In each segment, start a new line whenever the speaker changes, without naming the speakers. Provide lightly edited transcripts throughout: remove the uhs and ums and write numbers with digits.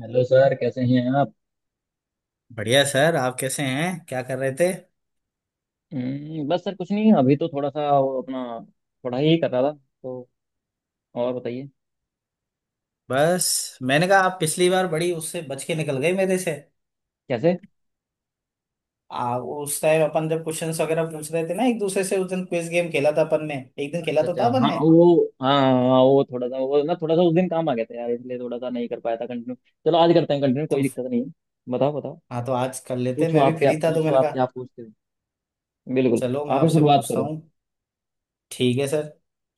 Hello sir, कैसे हैं आप।
बढ़िया सर। आप कैसे हैं? क्या कर रहे थे?
बस सर, कुछ नहीं, अभी तो थोड़ा सा वो अपना पढ़ाई ही कर रहा था तो। और बताइए।
बस मैंने कहा आप पिछली बार बड़ी उससे बच के निकल गए मेरे से।
कैसे?
उस टाइम अपन जब क्वेश्चंस वगैरह पूछ रहे थे ना एक दूसरे से, उस दिन क्विज गेम खेला था अपन ने। एक दिन खेला
अच्छा
तो
अच्छा,
था अपन
हाँ
ने।
वो, हाँ हाँ, वो थोड़ा सा वो ना थोड़ा सा उस दिन काम आ गया था यार, इसलिए थोड़ा सा नहीं कर पाया था कंटिन्यू। चलो आज करते हैं कंटिन्यू, कोई
तो
दिक्कत नहीं है। बताओ बताओ।
हाँ, तो आज कर लेते।
पूछो
मैं भी
आप क्या,
फ्री था तो
पूछो
मैंने
आप क्या
कहा
पूछते हो। बिल्कुल।
चलो मैं
आप ही
आपसे
शुरुआत
पूछता
करो।
हूँ। ठीक है सर।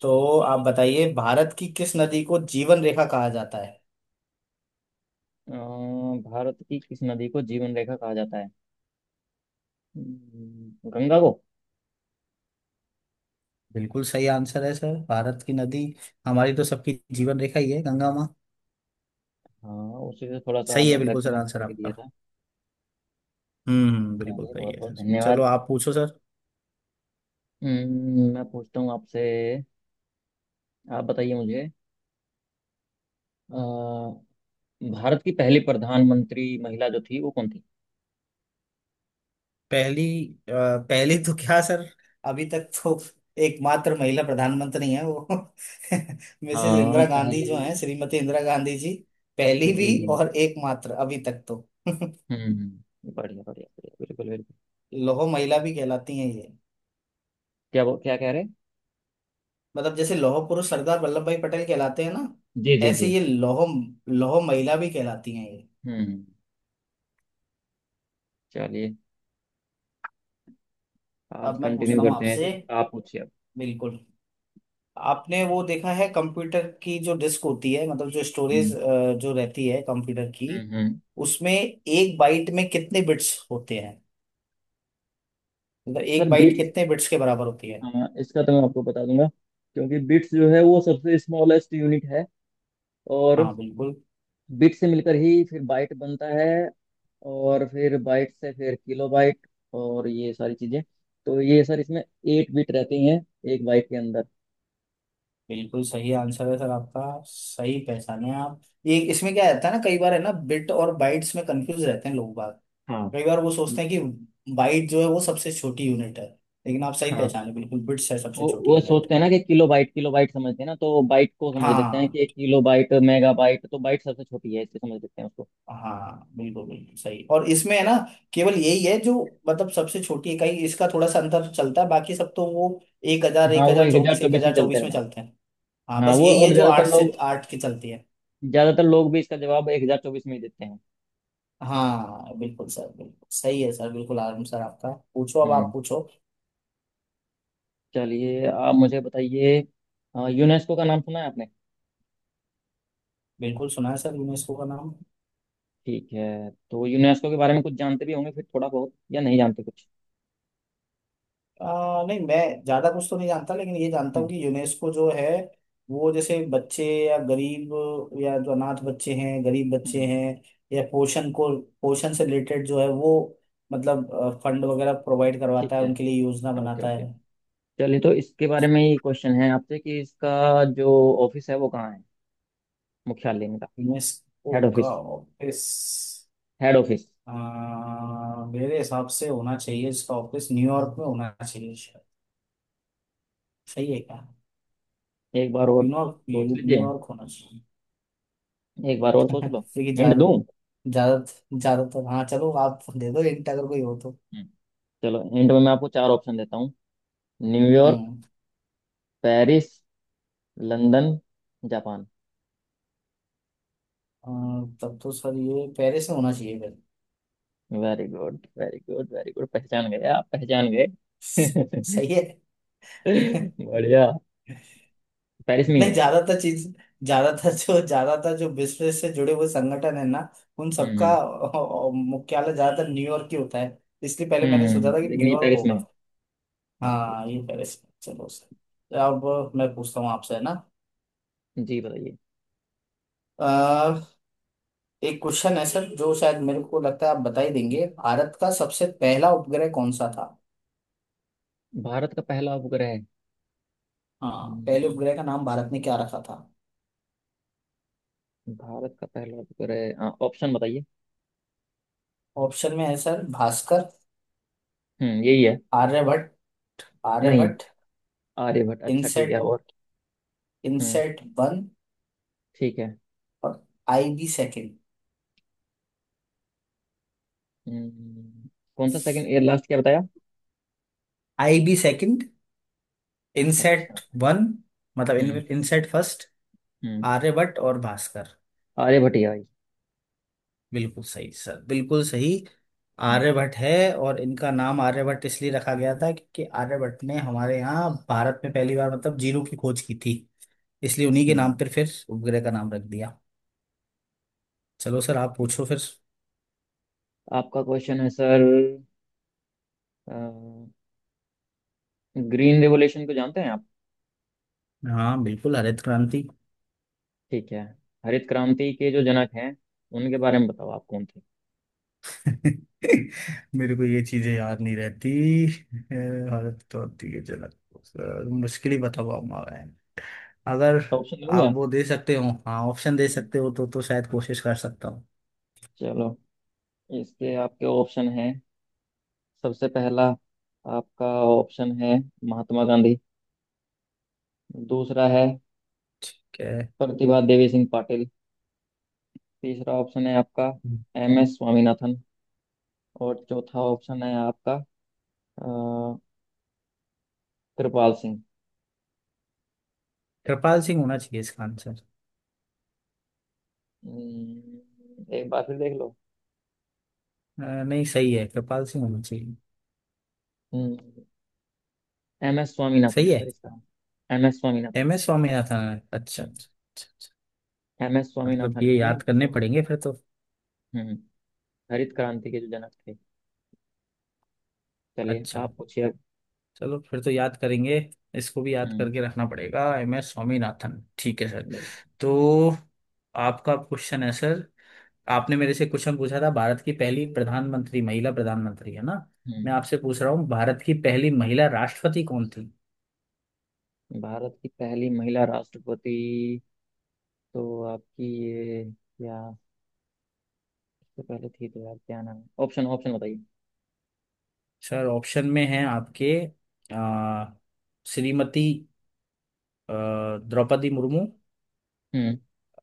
तो आप बताइए, भारत की किस नदी को जीवन रेखा कहा जाता है?
अ, भारत की किस नदी को जीवन रेखा कहा जाता है? गंगा को।
बिल्कुल सही आंसर है सर। भारत की नदी, हमारी तो सबकी जीवन रेखा ही है गंगा माँ।
हाँ, उसी से थोड़ा सा
सही है
मतलब
बिल्कुल सर
कनेक्ट
आंसर
करके दिया
आपका।
था।
बिल्कुल
चलिए,
सही
बहुत
है
बहुत
सर। चलो
धन्यवाद।
आप पूछो सर।
मैं पूछता हूँ आपसे। आप बताइए मुझे। अ, भारत की पहली प्रधानमंत्री महिला जो थी वो कौन थी?
पहली? अ, पहली तो क्या सर, अभी तक तो एकमात्र महिला प्रधानमंत्री हैं वो। मिसेस
हाँ,
इंदिरा गांधी
पहले
जो हैं,
जी।
श्रीमती इंदिरा गांधी जी।
जी
पहली भी
जी।
और एकमात्र अभी तक तो।
बढ़िया बढ़िया बढ़िया, बिल्कुल बिल्कुल।
लौह महिला भी कहलाती हैं ये।
क्या वो, क्या कह रहे?
मतलब जैसे लौह पुरुष सरदार वल्लभ भाई पटेल कहलाते हैं ना,
जी जी
ऐसे
जी।
ये लौह, लौह महिला भी कहलाती हैं ये।
हम्म। चलिए, आज
अब मैं
कंटिन्यू
पूछता हूँ
करते हैं इसे।
आपसे।
आप पूछिए अब।
बिल्कुल। आपने वो देखा है कंप्यूटर की जो डिस्क होती है, मतलब जो स्टोरेज
हम्म
जो रहती है कंप्यूटर की,
हम्म हम्म।
उसमें एक बाइट में कितने बिट्स होते हैं? मतलब
सर
एक बाइट
बिट्स।
कितने बिट्स के बराबर होती है?
हाँ, इसका तो मैं आपको बता दूंगा, क्योंकि बिट्स जो है वो सबसे स्मॉलेस्ट यूनिट है। और
हाँ बिल्कुल।
बिट से मिलकर ही फिर बाइट बनता है। और फिर बाइट से फिर किलो बाइट, और ये सारी चीजें। तो ये सर, इसमें 8 बिट रहती हैं, एक बाइट के अंदर।
बिल्कुल सही आंसर है सर आपका। सही पहचाने आप। ये इसमें क्या रहता है ना, कई बार है ना बिट और बाइट्स में कंफ्यूज रहते हैं लोग बाग।
हाँ
कई बार वो सोचते हैं कि बाइट जो है वो सबसे छोटी यूनिट है, लेकिन आप सही
हाँ।
पहचाने, बिल्कुल बिट्स है सबसे
वो
छोटी
वो
यूनिट।
सोचते हैं ना कि किलो बाइट, किलो बाइट समझते हैं ना, तो बाइट को समझ लेते हैं
हाँ
कि किलो बाइट मेगा बाइट तो बाइट सबसे छोटी है, इसलिए समझ लेते हैं उसको।
हाँ बिल्कुल बिल्कुल सही। और इसमें है ना, केवल यही है जो, मतलब सबसे छोटी इकाई, इसका थोड़ा सा अंतर चलता है। बाकी सब तो वो
हाँ,
एक
वो
हजार
एक हजार
चौबीस एक
चौबीस में
हजार
चलते
चौबीस में
रहते हैं।
चलते हैं। हाँ,
हाँ
बस
वो,
यही
और
है जो
ज्यादातर
आठ से
लोग,
आठ की चलती है।
ज्यादातर लोग भी इसका जवाब 1024 में ही देते हैं।
हाँ बिल्कुल सर, बिल्कुल सही है सर, बिल्कुल आराम सर आपका। पूछो अब, आप
हम्म।
पूछो।
चलिए, आप मुझे बताइए। यूनेस्को का नाम सुना है आपने?
बिल्कुल सुना है सर यूनेस्को का नाम।
ठीक है, तो यूनेस्को के बारे में कुछ जानते भी होंगे फिर थोड़ा बहुत, या नहीं जानते कुछ?
नहीं, मैं ज्यादा कुछ तो नहीं जानता, लेकिन ये जानता हूँ
हम्म
कि यूनेस्को जो है वो जैसे बच्चे या गरीब, या जो अनाथ बच्चे हैं, गरीब बच्चे
हम्म,
हैं, या पोषण को, पोषण से रिलेटेड जो है वो, मतलब फंड वगैरह प्रोवाइड
ठीक
करवाता है,
है।
उनके लिए योजना
ओके
बनाता
ओके।
है।
चलिए, तो इसके बारे में ये क्वेश्चन है आपसे कि इसका जो ऑफिस है वो कहाँ है? मुख्यालय इनका।
यूनेस्को
हेड
का
ऑफिस।
ऑफिस?
Head office.
मेरे हिसाब से होना चाहिए इसका ऑफिस न्यूयॉर्क में, होना चाहिए शायद। सही है क्या?
एक बार और
न्यूयॉर्क
सोच लीजिए।
न्यूयॉर्क होना चाहिए।
एक बार और सोच लो।
क्योंकि
हिंट
ज्यादा,
दूं?
ज्यादा, ज्यादातर, हाँ चलो आप दे दो हिंट अगर कोई हो तो।
हम्म, चलो हिंट में मैं आपको चार ऑप्शन देता हूँ। न्यूयॉर्क,
हम्म।
Paris, London, Japan.
अ, तब तो सर ये पेरिस में होना चाहिए फिर।
Very good very good very good, पहचान गए आप, पहचान
स-
गए।
सही है।
बढ़िया। पेरिस में ही
नहीं,
है इसका।
ज्यादातर चीज, ज्यादातर जो बिजनेस से जुड़े हुए संगठन है ना, उन सबका
हम्म
मुख्यालय ज्यादातर न्यूयॉर्क ही होता है। इसलिए पहले
हम्म
मैंने सोचा था
हम्म,
कि
लेकिन ये
न्यूयॉर्क
पेरिस में है।
होगा।
अच्छा
हाँ,
अच्छा।
ये पेरिस में। चलो सर, अब मैं पूछता हूँ आपसे है ना।
जी, बताइए।
अ, एक क्वेश्चन है सर जो शायद मेरे को लगता है आप बता ही देंगे। भारत का सबसे पहला उपग्रह कौन सा था?
भारत का पहला उपग्रह?
हाँ, पहले
हम्म,
उपग्रह का नाम भारत ने क्या रखा था?
भारत का पहला उपग्रह, हाँ, ऑप्शन बताइए।
ऑप्शन में है सर भास्कर,
यही है।
आर्यभट्ट,
नहीं।
आर्यभट्ट,
आर्यभट्ट? अच्छा, ठीक है।
इनसेट,
और हम्म।
इनसेट वन,
ठीक है।
और आईबी सेकंड।
हम्म, कौन सा सेकंड, एयर लास्ट क्या बताया?
आईबी सेकंड, इनसेट
अच्छा।
वन, मतलब
हम्म
इनसेट फर्स्ट,
हम्म।
आर्यभट्ट और भास्कर।
आर्यभट्ट ही आई।
बिल्कुल सही सर, बिल्कुल सही।
हम्म
आर्यभट्ट है, और इनका नाम आर्यभट्ट इसलिए रखा गया था क्योंकि आर्यभट्ट ने हमारे यहाँ भारत में पहली बार मतलब जीरो की खोज की थी। इसलिए उन्हीं के नाम
हम्म।
पर फिर उपग्रह का नाम रख दिया। चलो सर,
ठीक
आप
ठीक।
पूछो फिर।
आपका क्वेश्चन है सर। ग्रीन रेवोल्यूशन को जानते हैं आप?
हाँ बिल्कुल, हरित क्रांति।
ठीक है। हरित क्रांति के जो जनक हैं, उनके बारे में बताओ, आप कौन थे?
मेरे को ये चीजें याद नहीं रहती। अ, हरित क्रांति के जनक, सर, मुश्किल ही बता पाऊंगा मैं। अगर
ऑप्शन हो
आप
गया?
वो दे सकते हो, हाँ ऑप्शन दे
हम्म,
सकते हो तो शायद कोशिश कर सकता हूँ।
चलो, इसके आपके ऑप्शन हैं। सबसे पहला आपका ऑप्शन है महात्मा गांधी। दूसरा है
क्या है?
प्रतिभा देवी सिंह पाटिल। तीसरा ऑप्शन है आपका एम एस स्वामीनाथन। और चौथा ऑप्शन है आपका, अ, कृपाल सिंह।
कृपाल सिंह होना चाहिए इसका आंसर।
एक बार फिर देख लो।
नहीं, सही है, कृपाल सिंह होना चाहिए।
हम्म, एम एस स्वामीनाथन
सही
है
है।
सर इसका। M S Swaminathan.
M S Swaminathan. अच्छा अच्छा अच्छा अच्छा।
एम एस
मतलब
स्वामीनाथन
ये
है
याद करने
जो।
पड़ेंगे फिर तो।
हम्म। हरित क्रांति के जो जनक थे। चलिए,
अच्छा,
आप पूछिए अब।
चलो फिर तो याद करेंगे। इसको भी याद
हम्म
करके रखना पड़ेगा, एम एस स्वामीनाथन। ठीक है सर। तो आपका क्वेश्चन है सर। आपने मेरे से क्वेश्चन पूछा था भारत की पहली प्रधानमंत्री, महिला प्रधानमंत्री है ना, मैं
हम्म।
आपसे पूछ रहा हूँ भारत की पहली महिला राष्ट्रपति कौन थी?
भारत की पहली महिला राष्ट्रपति? तो आपकी ये, या इससे पहले थी तो यार क्या नाम है? ऑप्शन ऑप्शन बताइए।
सर ऑप्शन में है आपके, अ, श्रीमती अ, द्रौपदी मुर्मू,
हम्म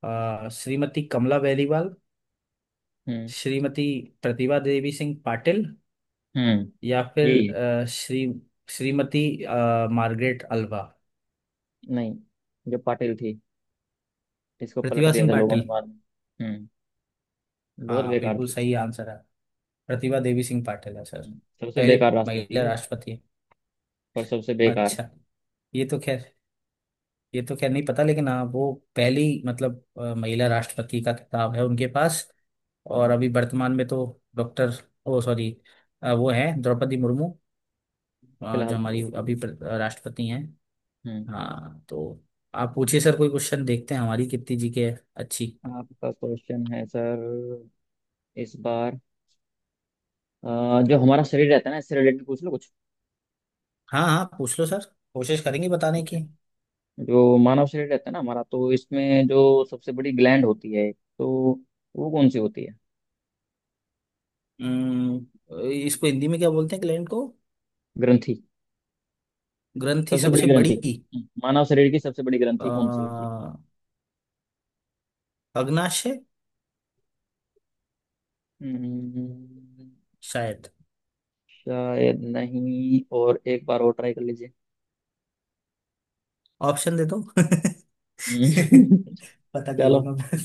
श्रीमती कमला बेलीवाल,
हम्म
श्रीमती प्रतिभा देवी सिंह पाटिल,
हम्म
या फिर
यही है।
श्री, श्रीमती मार्गरेट अल्वा।
नहीं, जो पाटिल थी, इसको पलट
प्रतिभा
दिया
सिंह
था लोगों ने
पाटिल।
बाद में। हम्म। बहुत
हाँ,
बेकार
बिल्कुल
थी।
सही आंसर है। प्रतिभा देवी सिंह पाटिल है सर।
सबसे
पहली
बेकार राष्ट्रपति।
महिला राष्ट्रपति है।
और सबसे बेकार।
अच्छा। ये तो खैर, ये तो खैर नहीं पता, लेकिन हाँ वो पहली मतलब महिला राष्ट्रपति का खिताब है उनके पास। और
हम्म,
अभी वर्तमान में तो डॉक्टर, ओ सॉरी, वो हैं द्रौपदी मुर्मू, जो
फिलहाल तो
हमारी अभी
राष्ट्रपति।
राष्ट्रपति हैं।
हम्म।
हाँ, तो आप पूछिए सर कोई क्वेश्चन, देखते हैं हमारी कीर्ति जी के। अच्छी।
आपका क्वेश्चन है सर, इस बार। जो हमारा शरीर रहता है ना, इससे रिलेटेड पूछ लो कुछ।
हाँ हाँ, पूछ लो सर, कोशिश करेंगे बताने
ठीक
की।
है। जो मानव शरीर रहता है ना हमारा, तो इसमें जो सबसे बड़ी ग्लैंड होती है, तो वो कौन सी होती है?
इसको हिंदी में क्या बोलते हैं ग्लैंड को?
ग्रंथि।
ग्रंथि,
सबसे बड़ी
सबसे
ग्रंथि।
बड़ी?
मानव शरीर की सबसे बड़ी
अ,
ग्रंथि कौन सी होती है?
अग्नाशय,
हम्म,
शायद।
शायद नहीं, और एक बार और ट्राई कर लीजिए।
ऑप्शन दे दो।
हम्म,
पता कर
चलो,
लूंगा मैं।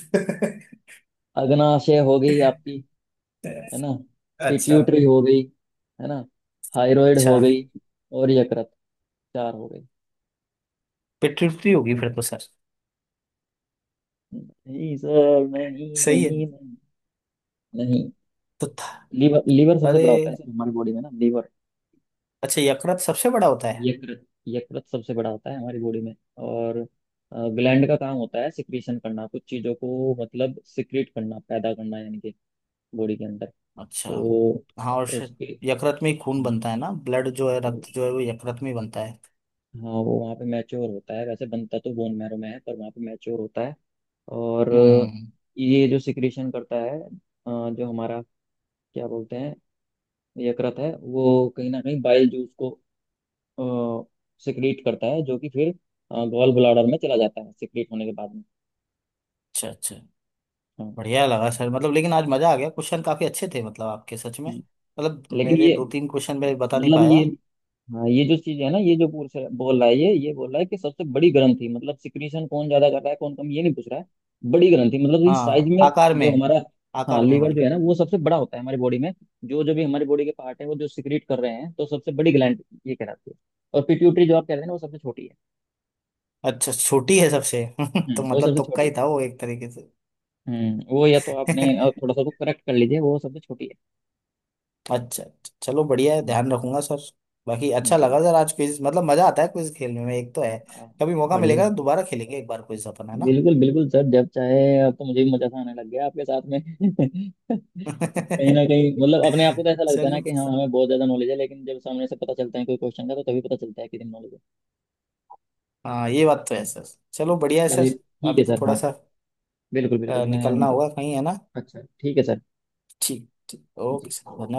अग्नाशय हो गई आपकी, है ना।
अच्छा।
पिट्यूटरी हो गई, है ना। थायराइड
अच्छा।
हो गई, और यकृत, चार हो गई।
पिट्यूटरी होगी फिर तो सर।
नहीं सर, नहीं
सही है
नहीं नहीं, नहीं।
तो था।
लीवर, लीवर सबसे
अरे,
बड़ा होता है सर हमारी बॉडी में ना, लीवर।
अच्छा, यकृत सबसे बड़ा होता है।
यकृत, यकृत सबसे बड़ा होता है हमारी बॉडी में। और ग्लैंड का काम होता है सिक्रीशन करना कुछ चीज़ों को, मतलब सिक्रीट करना, पैदा करना, यानी कि बॉडी के अंदर।
अच्छा।
तो
हाँ, और शायद
उसके,
यकृत में ही खून
हाँ,
बनता है ना, ब्लड जो है,
तो
रक्त जो है वो यकृत में ही बनता है।
हाँ, वो वहाँ पे मैच्योर होता है, वैसे बनता तो बोन मैरो में है पर वहाँ पे मैच्योर होता है। और
हम्म।
ये जो सिक्रीशन करता है, जो हमारा, क्या बोलते हैं, यकृत है वो कहीं ना कहीं बाइल जूस को सिक्रीट करता है, जो कि फिर गॉल ब्लाडर में चला जाता है सिक्रीट होने के बाद में।
अच्छा अच्छा।
हाँ।
बढ़िया लगा सर, मतलब लेकिन आज मजा आ गया, क्वेश्चन काफी अच्छे थे मतलब आपके, सच में
हम्म।
मतलब
लेकिन
मेरे
ये,
दो तीन क्वेश्चन मैं बता नहीं
मतलब
पाया।
ये, हाँ, ये जो चीज है ना, ये जो बोल रहा है, ये बोल रहा है कि सबसे बड़ी ग्रंथि मतलब सिक्रीशन कौन ज्यादा कर रहा है कौन कम, ये नहीं पूछ रहा है। बड़ी ग्रंथि मतलब इस साइज
हाँ,
में।
आकार में।
जो हमारा, हाँ
आकार में
लीवर जो
बड़ी।
है ना वो सबसे बड़ा होता है हमारी बॉडी में। जो जो भी हमारी बॉडी के पार्ट है वो जो सिक्रीट कर रहे हैं, तो सबसे बड़ी ग्लैंड ये कहलाती है। और पिट्यूटरी जो आप कह रहे हैं ना, वो सबसे छोटी है।
अच्छा, छोटी है सबसे। तो
वो
मतलब
सबसे
तुक्का
छोटी
ही
है।
था वो एक तरीके से।
वो, या तो आपने थोड़ा सा तो करेक्ट कर लीजिए, वो सबसे छोटी है।
अच्छा, चलो बढ़िया है, ध्यान रखूंगा सर। बाकी अच्छा
जी।
लगा सर आज क्विज, मतलब मजा आता है क्विज खेलने में, एक तो है।
हाँ,
कभी मौका
बढ़िया
मिलेगा तो
बढ़िया।
दोबारा खेलेंगे एक बार क्विज अपन, है ना।
बिल्कुल बिल्कुल सर, जब चाहे। अब तो मुझे भी मजा सा आने लग गया आपके साथ में। कहीं ना कहीं मतलब अपने आप को तो ऐसा लगता है ना
चलो।
कि हाँ, हमें बहुत ज्यादा नॉलेज है, लेकिन जब सामने से पता चलता है कोई क्वेश्चन का, तो तभी पता चलता है कितनी नॉलेज है।
हाँ, ये बात तो है सर। चलो, बढ़िया है
चलिए,
सर।
ठीक
अभी
है
तो
सर,
थोड़ा
हाँ।
सा
बिल्कुल बिल्कुल, मैं
निकलना
नहीं
होगा
पता।
कहीं, है ना।
अच्छा, ठीक है सर,
ठीक ठीक, ओके सर,
जी।
धन्यवाद।